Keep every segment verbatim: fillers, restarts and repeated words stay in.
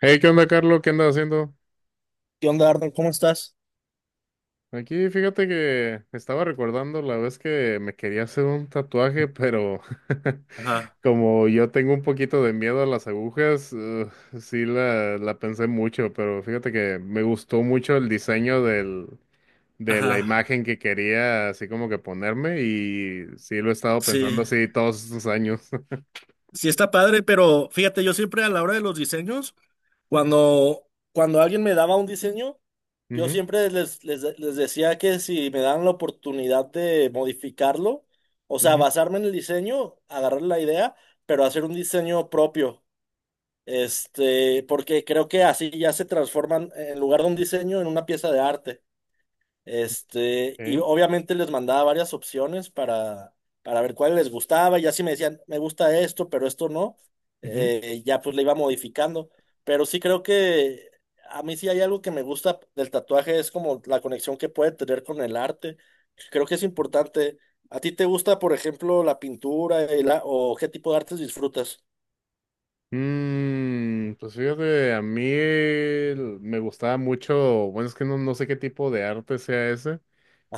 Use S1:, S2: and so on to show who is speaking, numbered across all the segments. S1: Hey, ¿qué onda, Carlos? ¿Qué andas haciendo?
S2: ¿Qué onda, Arnold? ¿Cómo estás?
S1: Aquí, fíjate que estaba recordando la vez que me quería hacer un tatuaje, pero
S2: Ajá,
S1: como yo tengo un poquito de miedo a las agujas, ugh, sí la, la pensé mucho, pero fíjate que me gustó mucho el diseño del, de la
S2: ajá.
S1: imagen que quería así como que ponerme, y sí lo he estado
S2: Sí,
S1: pensando así todos estos años.
S2: sí está padre, pero fíjate, yo siempre a la hora de los diseños, cuando, cuando alguien me daba un diseño, yo
S1: Ujú,
S2: siempre les, les, les decía que si me daban la oportunidad de modificarlo, o sea,
S1: ujú,
S2: basarme en el diseño, agarrar la idea, pero hacer un diseño propio. Este, porque creo que así ya se transforman, en lugar de un diseño, en una pieza de arte. Este, y
S1: ok,
S2: obviamente les mandaba varias opciones para, para ver cuál les gustaba, y así me decían, me gusta esto, pero esto no,
S1: ujú.
S2: eh, ya pues le iba modificando. Pero sí creo que a mí sí hay algo que me gusta del tatuaje, es como la conexión que puede tener con el arte. Creo que es importante. ¿A ti te gusta, por ejemplo, la pintura y la- o qué tipo de artes disfrutas?
S1: Mm, pues fíjate, a mí el- me gustaba mucho, bueno, es que no, no sé qué tipo de arte sea ese,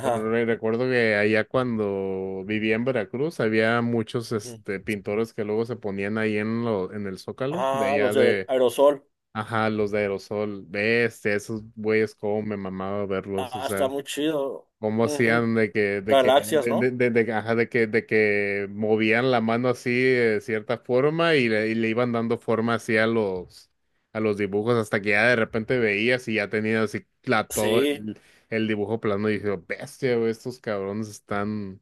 S1: pero re- recuerdo que allá cuando vivía en Veracruz había muchos,
S2: Ujú.
S1: este, pintores que luego se ponían ahí en, lo, en el Zócalo, de
S2: Ah, los
S1: allá
S2: de
S1: de,
S2: aerosol.
S1: ajá, los de aerosol. Bestia, esos güeyes, cómo me mamaba verlos, o
S2: Ah, está
S1: sea.
S2: muy chido.
S1: ¿Cómo
S2: Ujú,
S1: hacían de que, de que,
S2: galaxias,
S1: de, de-
S2: ¿no?
S1: de- de- ajá, de que, de que movían la mano así de cierta forma y le, y le iban dando forma así a los, a los dibujos, hasta que ya de repente veías y ya tenías así la- todo
S2: Sí.
S1: el, el dibujo plano, y dije, bestia, güey, estos cabrones están,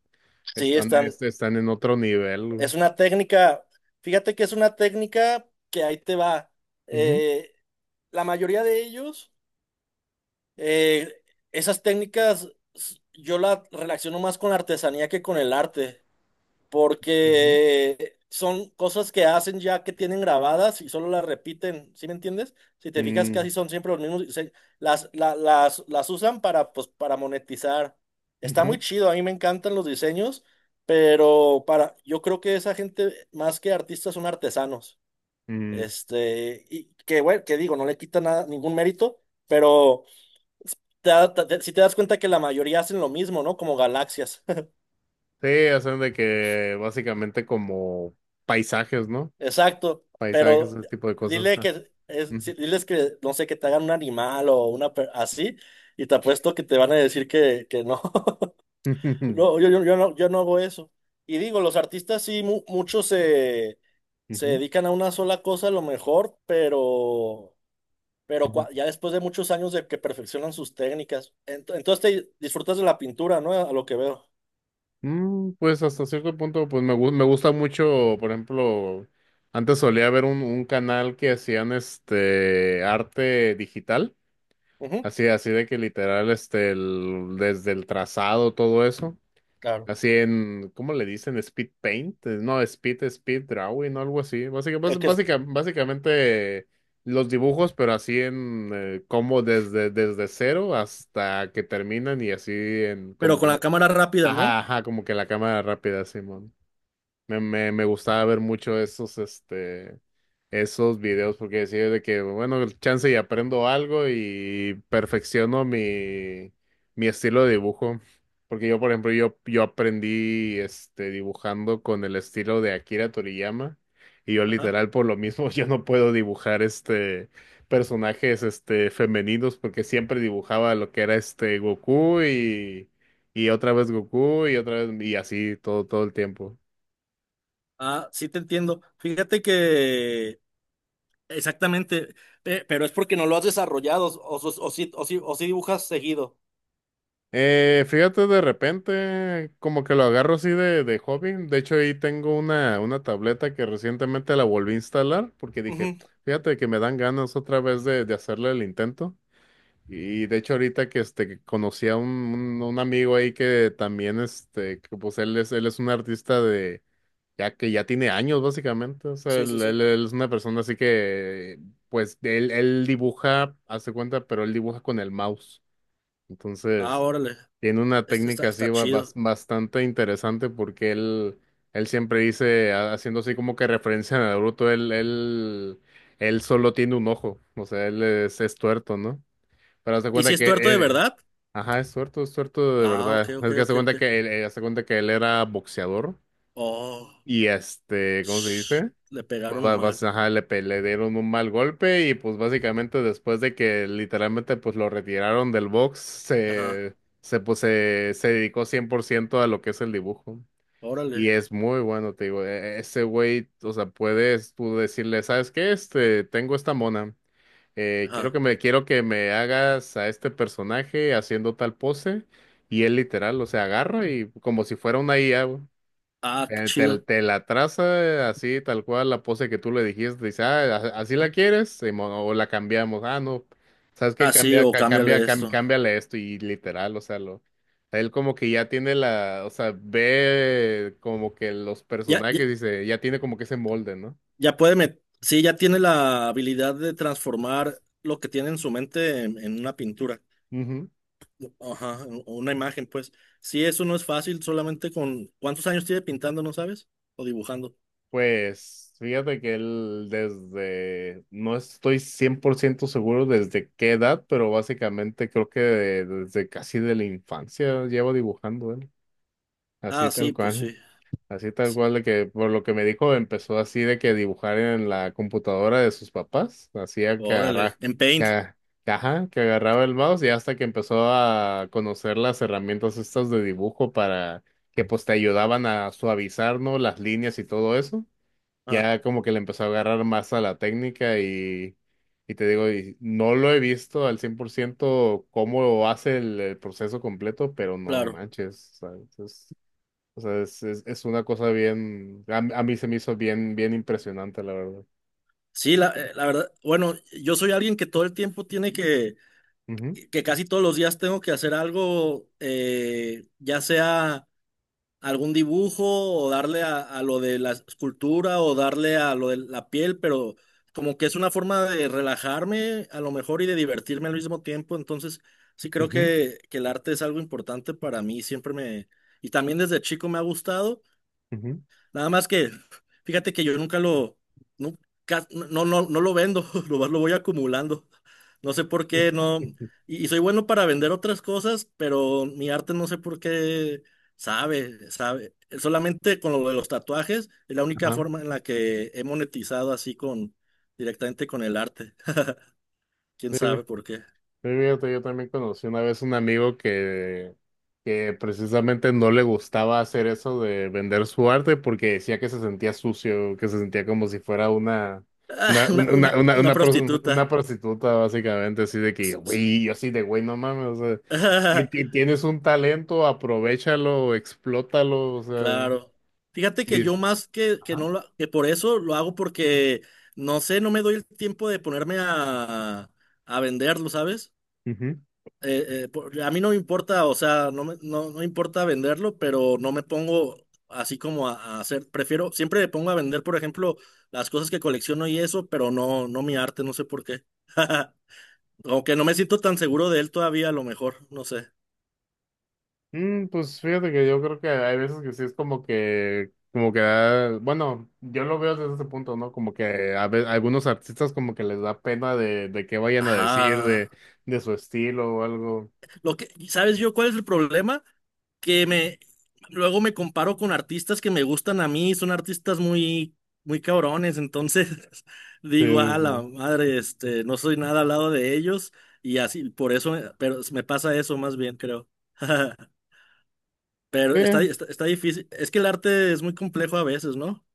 S2: Sí,
S1: están,
S2: están.
S1: est- están en otro nivel, güey.
S2: Es una técnica, fíjate que es una técnica que ahí te va.
S1: Ujú,
S2: Eh, la mayoría de ellos, eh, esas técnicas s- yo las relaciono más con la artesanía que con el arte.
S1: ujú.
S2: Porque son cosas que hacen ya que tienen grabadas y solo las repiten, ¿sí me entiendes? Si te fijas,
S1: Mm,
S2: casi son siempre los mismos, se- las, la- las, las usan para, pues, para monetizar. Está muy
S1: ujú,
S2: chido, a mí me encantan los diseños, pero para, yo creo que esa gente, más que artistas, son artesanos.
S1: mm.
S2: Este, y que, bueno, que digo, no le quita nada, ningún mérito, pero te da- te- si te das cuenta que la mayoría hacen lo mismo, ¿no? Como galaxias.
S1: Sí, hacen de que básicamente como paisajes, ¿no?
S2: Exacto,
S1: Paisajes,
S2: pero
S1: ese tipo de cosas.
S2: dile
S1: Ah.
S2: que es,
S1: Ujú.
S2: sí, diles que no sé, que te hagan un animal o una per- así, y te apuesto que te van a decir que, que no. No, yo, yo, yo no, yo no hago eso. Y digo, los artistas sí, mu- muchos se, se
S1: Ujú,
S2: dedican a una sola cosa a lo mejor, pero, pero
S1: ujú.
S2: cua- ya después de muchos años de que perfeccionan sus técnicas, Ent- entonces te disfrutas de la pintura, ¿no? A lo que veo.
S1: Mm, pues hasta cierto punto, pues me, gu- me gusta mucho, por ejemplo, antes solía ver un, un canal que hacían este arte digital,
S2: Ujú,
S1: así, así de que literal, este, el- desde el trazado, todo eso,
S2: claro.
S1: así en, ¿cómo le dicen? Speed paint, eh, no, speed, speed drawing o algo así.
S2: Es que es-
S1: Básicamente, básicamente los dibujos, pero así en, eh, como desde, desde cero hasta que terminan, y así en,
S2: pero
S1: como
S2: con
S1: que
S2: la cámara rápida, ¿no?
S1: ajá, ajá, como que la cámara rápida, Simón. Me, me, me gustaba ver mucho esos, este, esos videos porque decía de que, bueno, el chance y aprendo algo y perfecciono mi, mi estilo de dibujo. Porque yo, por ejemplo, yo, yo aprendí, este, dibujando con el estilo de Akira Toriyama, y yo
S2: Ajá.
S1: literal por lo mismo yo no puedo dibujar, este, personajes, este, femeninos, porque siempre dibujaba lo que era, este, Goku, y, y otra vez Goku, y otra vez, y así todo, todo el tiempo.
S2: Ah, sí te entiendo. Fíjate que exactamente, pe- pero es porque no lo has desarrollado o, o, o sí, o, sí, o sí dibujas seguido.
S1: Eh, fíjate, de repente, como que lo agarro así de, de hobby. De hecho, ahí tengo una, una tableta que recientemente la volví a instalar, porque dije,
S2: Ujú,
S1: fíjate que me dan ganas otra vez de, de hacerle el intento. Y de hecho, ahorita que este, que conocí a un, un, un amigo ahí que también, este, que pues él es, él es un artista de, ya que ya tiene años básicamente. O sea,
S2: sí, sí,
S1: él, él-
S2: sí.
S1: él es una persona así que, pues, él, él dibuja, hace cuenta, pero él dibuja con el mouse.
S2: Ah,
S1: Entonces...
S2: órale.
S1: Tiene una
S2: Es- Está,
S1: técnica así
S2: está
S1: ba- bas-
S2: chido.
S1: bastante interesante, porque él, él siempre dice, ha- haciendo así como que referencia a Naruto, él, él, él solo tiene un ojo, o sea, él es, es tuerto, ¿no? Pero hace
S2: ¿Y si
S1: cuenta
S2: es
S1: que,
S2: tuerto de
S1: eh,
S2: verdad?
S1: ajá, es tuerto, es tuerto de
S2: Ah, ok,
S1: verdad.
S2: ok,
S1: Es que hace
S2: ok, ok.
S1: cuenta que él, eh, hace cuenta que él era boxeador,
S2: Oh,
S1: y este, ¿cómo se
S2: sh-
S1: dice?
S2: le
S1: Pues
S2: pegaron
S1: va-
S2: mal.
S1: vas- ajá, le, pe- le dieron un mal golpe, y pues básicamente después de que literalmente pues lo retiraron del box,
S2: Ajá,
S1: se, se, pues, se, se dedicó cien por ciento a lo que es el dibujo. Y
S2: órale.
S1: es muy bueno, te digo, e- ese güey, o sea, puedes tú decirle, ¿sabes qué? Este, tengo esta mona, eh, quiero
S2: Ajá.
S1: que me, quiero que me hagas a este personaje haciendo tal pose. Y él literal, o sea, agarra y como si fuera una I A.
S2: Ah, qué
S1: eh, Te,
S2: chido.
S1: te la traza así, tal cual, la pose que tú le dijiste. Dice, ah, a- así la quieres, Simón, o la cambiamos. Ah, no, ¿sabes qué?
S2: Ah, sí,
S1: Cambia,
S2: o
S1: ca- cambia,
S2: cámbiale
S1: cam-
S2: esto.
S1: cámbiale esto, y literal, o sea, lo, él como que ya tiene la, o sea, ve como que los
S2: Ya, ya,
S1: personajes, dice, ya tiene como que ese molde, ¿no?
S2: ya puede met- sí, ya tiene la habilidad de transformar lo que tiene en su mente en en una pintura.
S1: Ujú.
S2: Ajá, u- una imagen, pues. Sí, eso no es fácil, solamente con ¿cuántos años tiene pintando, no sabes? ¿O dibujando?
S1: Pues fíjate que él desde, no estoy cien por ciento seguro desde qué edad, pero básicamente creo que de- desde casi de la infancia lleva dibujando él. Así
S2: Ah,
S1: tal
S2: sí, pues
S1: cual,
S2: sí.
S1: así tal
S2: S-
S1: cual, de que por lo que me dijo empezó así de que dibujar en la computadora de sus papás, hacía que
S2: Órale,
S1: agarra,
S2: en
S1: que,
S2: Paint.
S1: a- que ajá, que agarraba el mouse, y hasta que empezó a conocer las herramientas estas de dibujo, para que pues te ayudaban a suavizar, ¿no? Las líneas y todo eso.
S2: Ah,
S1: Ya como que le empezó a agarrar más a la técnica, y, y te digo, y no lo he visto al cien por ciento cómo hace el, el proceso completo, pero no
S2: claro.
S1: manches, ¿sabes? O sea, es, es, es una cosa bien, a, a mí se me hizo bien, bien impresionante, la verdad.
S2: Sí, la, eh, la verdad, bueno, yo soy alguien que todo el tiempo tiene que,
S1: Ujú,
S2: que casi todos los días tengo que hacer algo, eh, ya sea algún dibujo o darle a, a lo de la escultura o darle a lo de la piel, pero como que es una forma de relajarme a lo mejor y de divertirme al mismo tiempo. Entonces, sí creo
S1: ujú,
S2: que, que el arte es algo importante para mí, siempre me Y también desde chico me ha gustado. Nada más que, fíjate que yo nunca lo, nunca- no, no, no lo vendo, lo, lo voy acumulando. No sé por qué, no.
S1: ujú.
S2: Y, y soy bueno para vender otras cosas, pero mi arte no sé por qué sabe, sabe. Solamente con lo de los tatuajes es la única
S1: Ajá.
S2: forma en la que he monetizado así con, directamente con el arte. ¿Quién sabe por qué?
S1: Sí, fíjate, yo también conocí una vez un amigo que, que precisamente no le gustaba hacer eso de vender su arte, porque decía que se sentía sucio, que se sentía como si fuera una,
S2: Ah,
S1: una,
S2: una,
S1: una,
S2: una,
S1: una, una,
S2: una
S1: una pros- una
S2: prostituta.
S1: prostituta, básicamente, así de que, güey, yo así de, güey, no mames, o sea, ti- ti- tienes un talento, aprovéchalo, explótalo, o sea.
S2: Claro. Fíjate que
S1: y-
S2: yo más que, que no lo, que por eso lo hago porque no sé, no me doy el tiempo de ponerme a, a venderlo, ¿sabes?
S1: Ajá.
S2: Eh, eh, por- a mí no me importa, o sea, no me, no, no me importa venderlo, pero no me pongo así como a, a hacer, prefiero, siempre me pongo a vender, por ejemplo, las cosas que colecciono y eso, pero no, no mi arte, no sé por qué. Aunque no me siento tan seguro de él todavía, a lo mejor, no sé.
S1: Mm, pues fíjate que yo creo que hay veces que sí es como que, como que da- bueno, yo lo veo desde ese punto, ¿no? Como que a ve- algunos artistas como que les da pena de, de qué vayan a decir de,
S2: Ajá.
S1: de su estilo o algo.
S2: Lo que, ¿sabes yo cuál es el problema? Que me luego me comparo con artistas que me gustan a mí, son artistas muy muy cabrones, entonces digo,
S1: Sí, sí,
S2: a la
S1: sí.
S2: madre, este, no soy nada al lado de ellos y así, por eso, me- pero me pasa eso más bien, creo. Pero
S1: Eh,
S2: está, está, está difícil, es que el arte es muy complejo a veces, ¿no?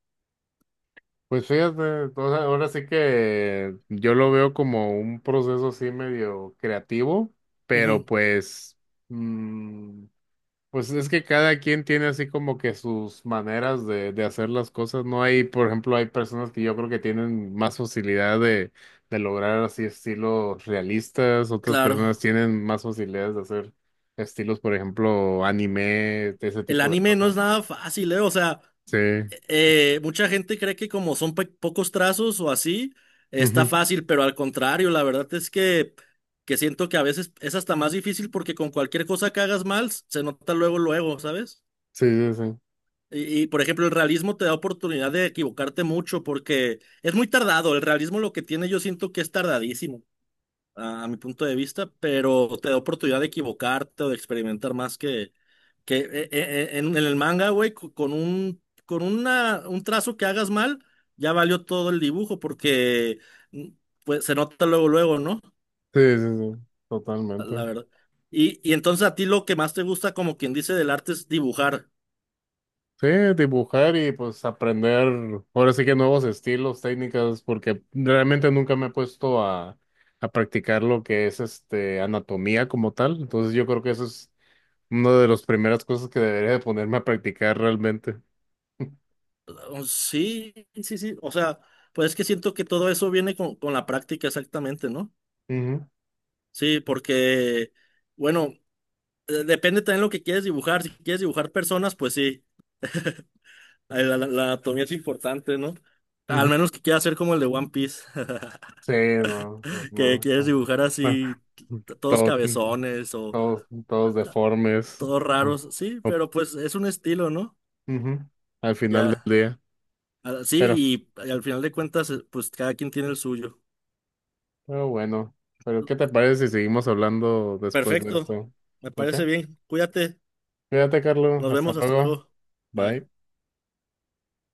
S1: pues fíjate, o sea, ahora sí que yo lo veo como un proceso así medio creativo, pero
S2: Ujú,
S1: pues mm, pues es que cada quien tiene así como que sus maneras de, de hacer las cosas. No hay, por ejemplo, hay personas que yo creo que tienen más facilidad de, de lograr así estilos realistas, otras
S2: claro.
S1: personas tienen más facilidades de hacer estilos, por ejemplo, anime, ese
S2: El
S1: tipo de
S2: anime no
S1: cosas.
S2: es nada fácil, ¿eh? O sea,
S1: Sí,
S2: eh, mucha gente cree que como son pe- pocos trazos o así, está
S1: ujú.
S2: fácil, pero al contrario, la verdad es que, que siento que a veces es hasta más difícil porque con cualquier cosa que hagas mal, se nota luego, luego, ¿sabes?
S1: Sí, sí, sí,
S2: Y, y, por ejemplo, el realismo te da oportunidad de equivocarte mucho porque es muy tardado. El realismo lo que tiene yo siento que es tardadísimo, a, a mi punto de vista, pero te da oportunidad de equivocarte o de experimentar más que eh, eh, eh, en, en el manga, güey, co- con un, con una, un trazo que hagas mal, ya valió todo el dibujo porque mm, pues, se nota luego, luego, ¿no?
S1: sí, sí, sí,
S2: La
S1: totalmente.
S2: verdad. Y, y entonces a ti lo que más te gusta, como quien dice, del arte es dibujar.
S1: Sí, dibujar y pues aprender, ahora sí que, nuevos estilos, técnicas, porque realmente nunca me he puesto a, a practicar lo que es este anatomía como tal. Entonces yo creo que eso es una de las primeras cosas que debería de ponerme a practicar realmente.
S2: Oh, sí, sí, sí. O sea, pues es que siento que todo eso viene con, con la práctica exactamente, ¿no?
S1: Ujú,
S2: Sí, porque, bueno, eh, depende también lo que quieres dibujar. Si quieres dibujar personas, pues sí. La, la- la anatomía es importante, ¿no? Al
S1: ujú.
S2: menos que quiera ser como el de One Piece,
S1: Sí, no, no,
S2: que
S1: no,
S2: quieres
S1: no.
S2: dibujar
S1: Bueno,
S2: así t- todos
S1: todo-
S2: cabezones o
S1: todos, todos deformes.
S2: todos
S1: Ujú.
S2: raros, sí, pero pues es un estilo, ¿no?
S1: Ujú, al final
S2: Ya,
S1: del día.
S2: ah,
S1: pero
S2: sí, y, al final de cuentas, eh, pues cada quien tiene el suyo.
S1: Pero bueno, pero ¿qué te parece si seguimos hablando después de
S2: Perfecto,
S1: esto?
S2: me
S1: ¿Ok?
S2: parece bien, cuídate,
S1: Cuídate, Carlos.
S2: nos
S1: Hasta
S2: vemos, hasta
S1: luego.
S2: luego, bye.
S1: Bye.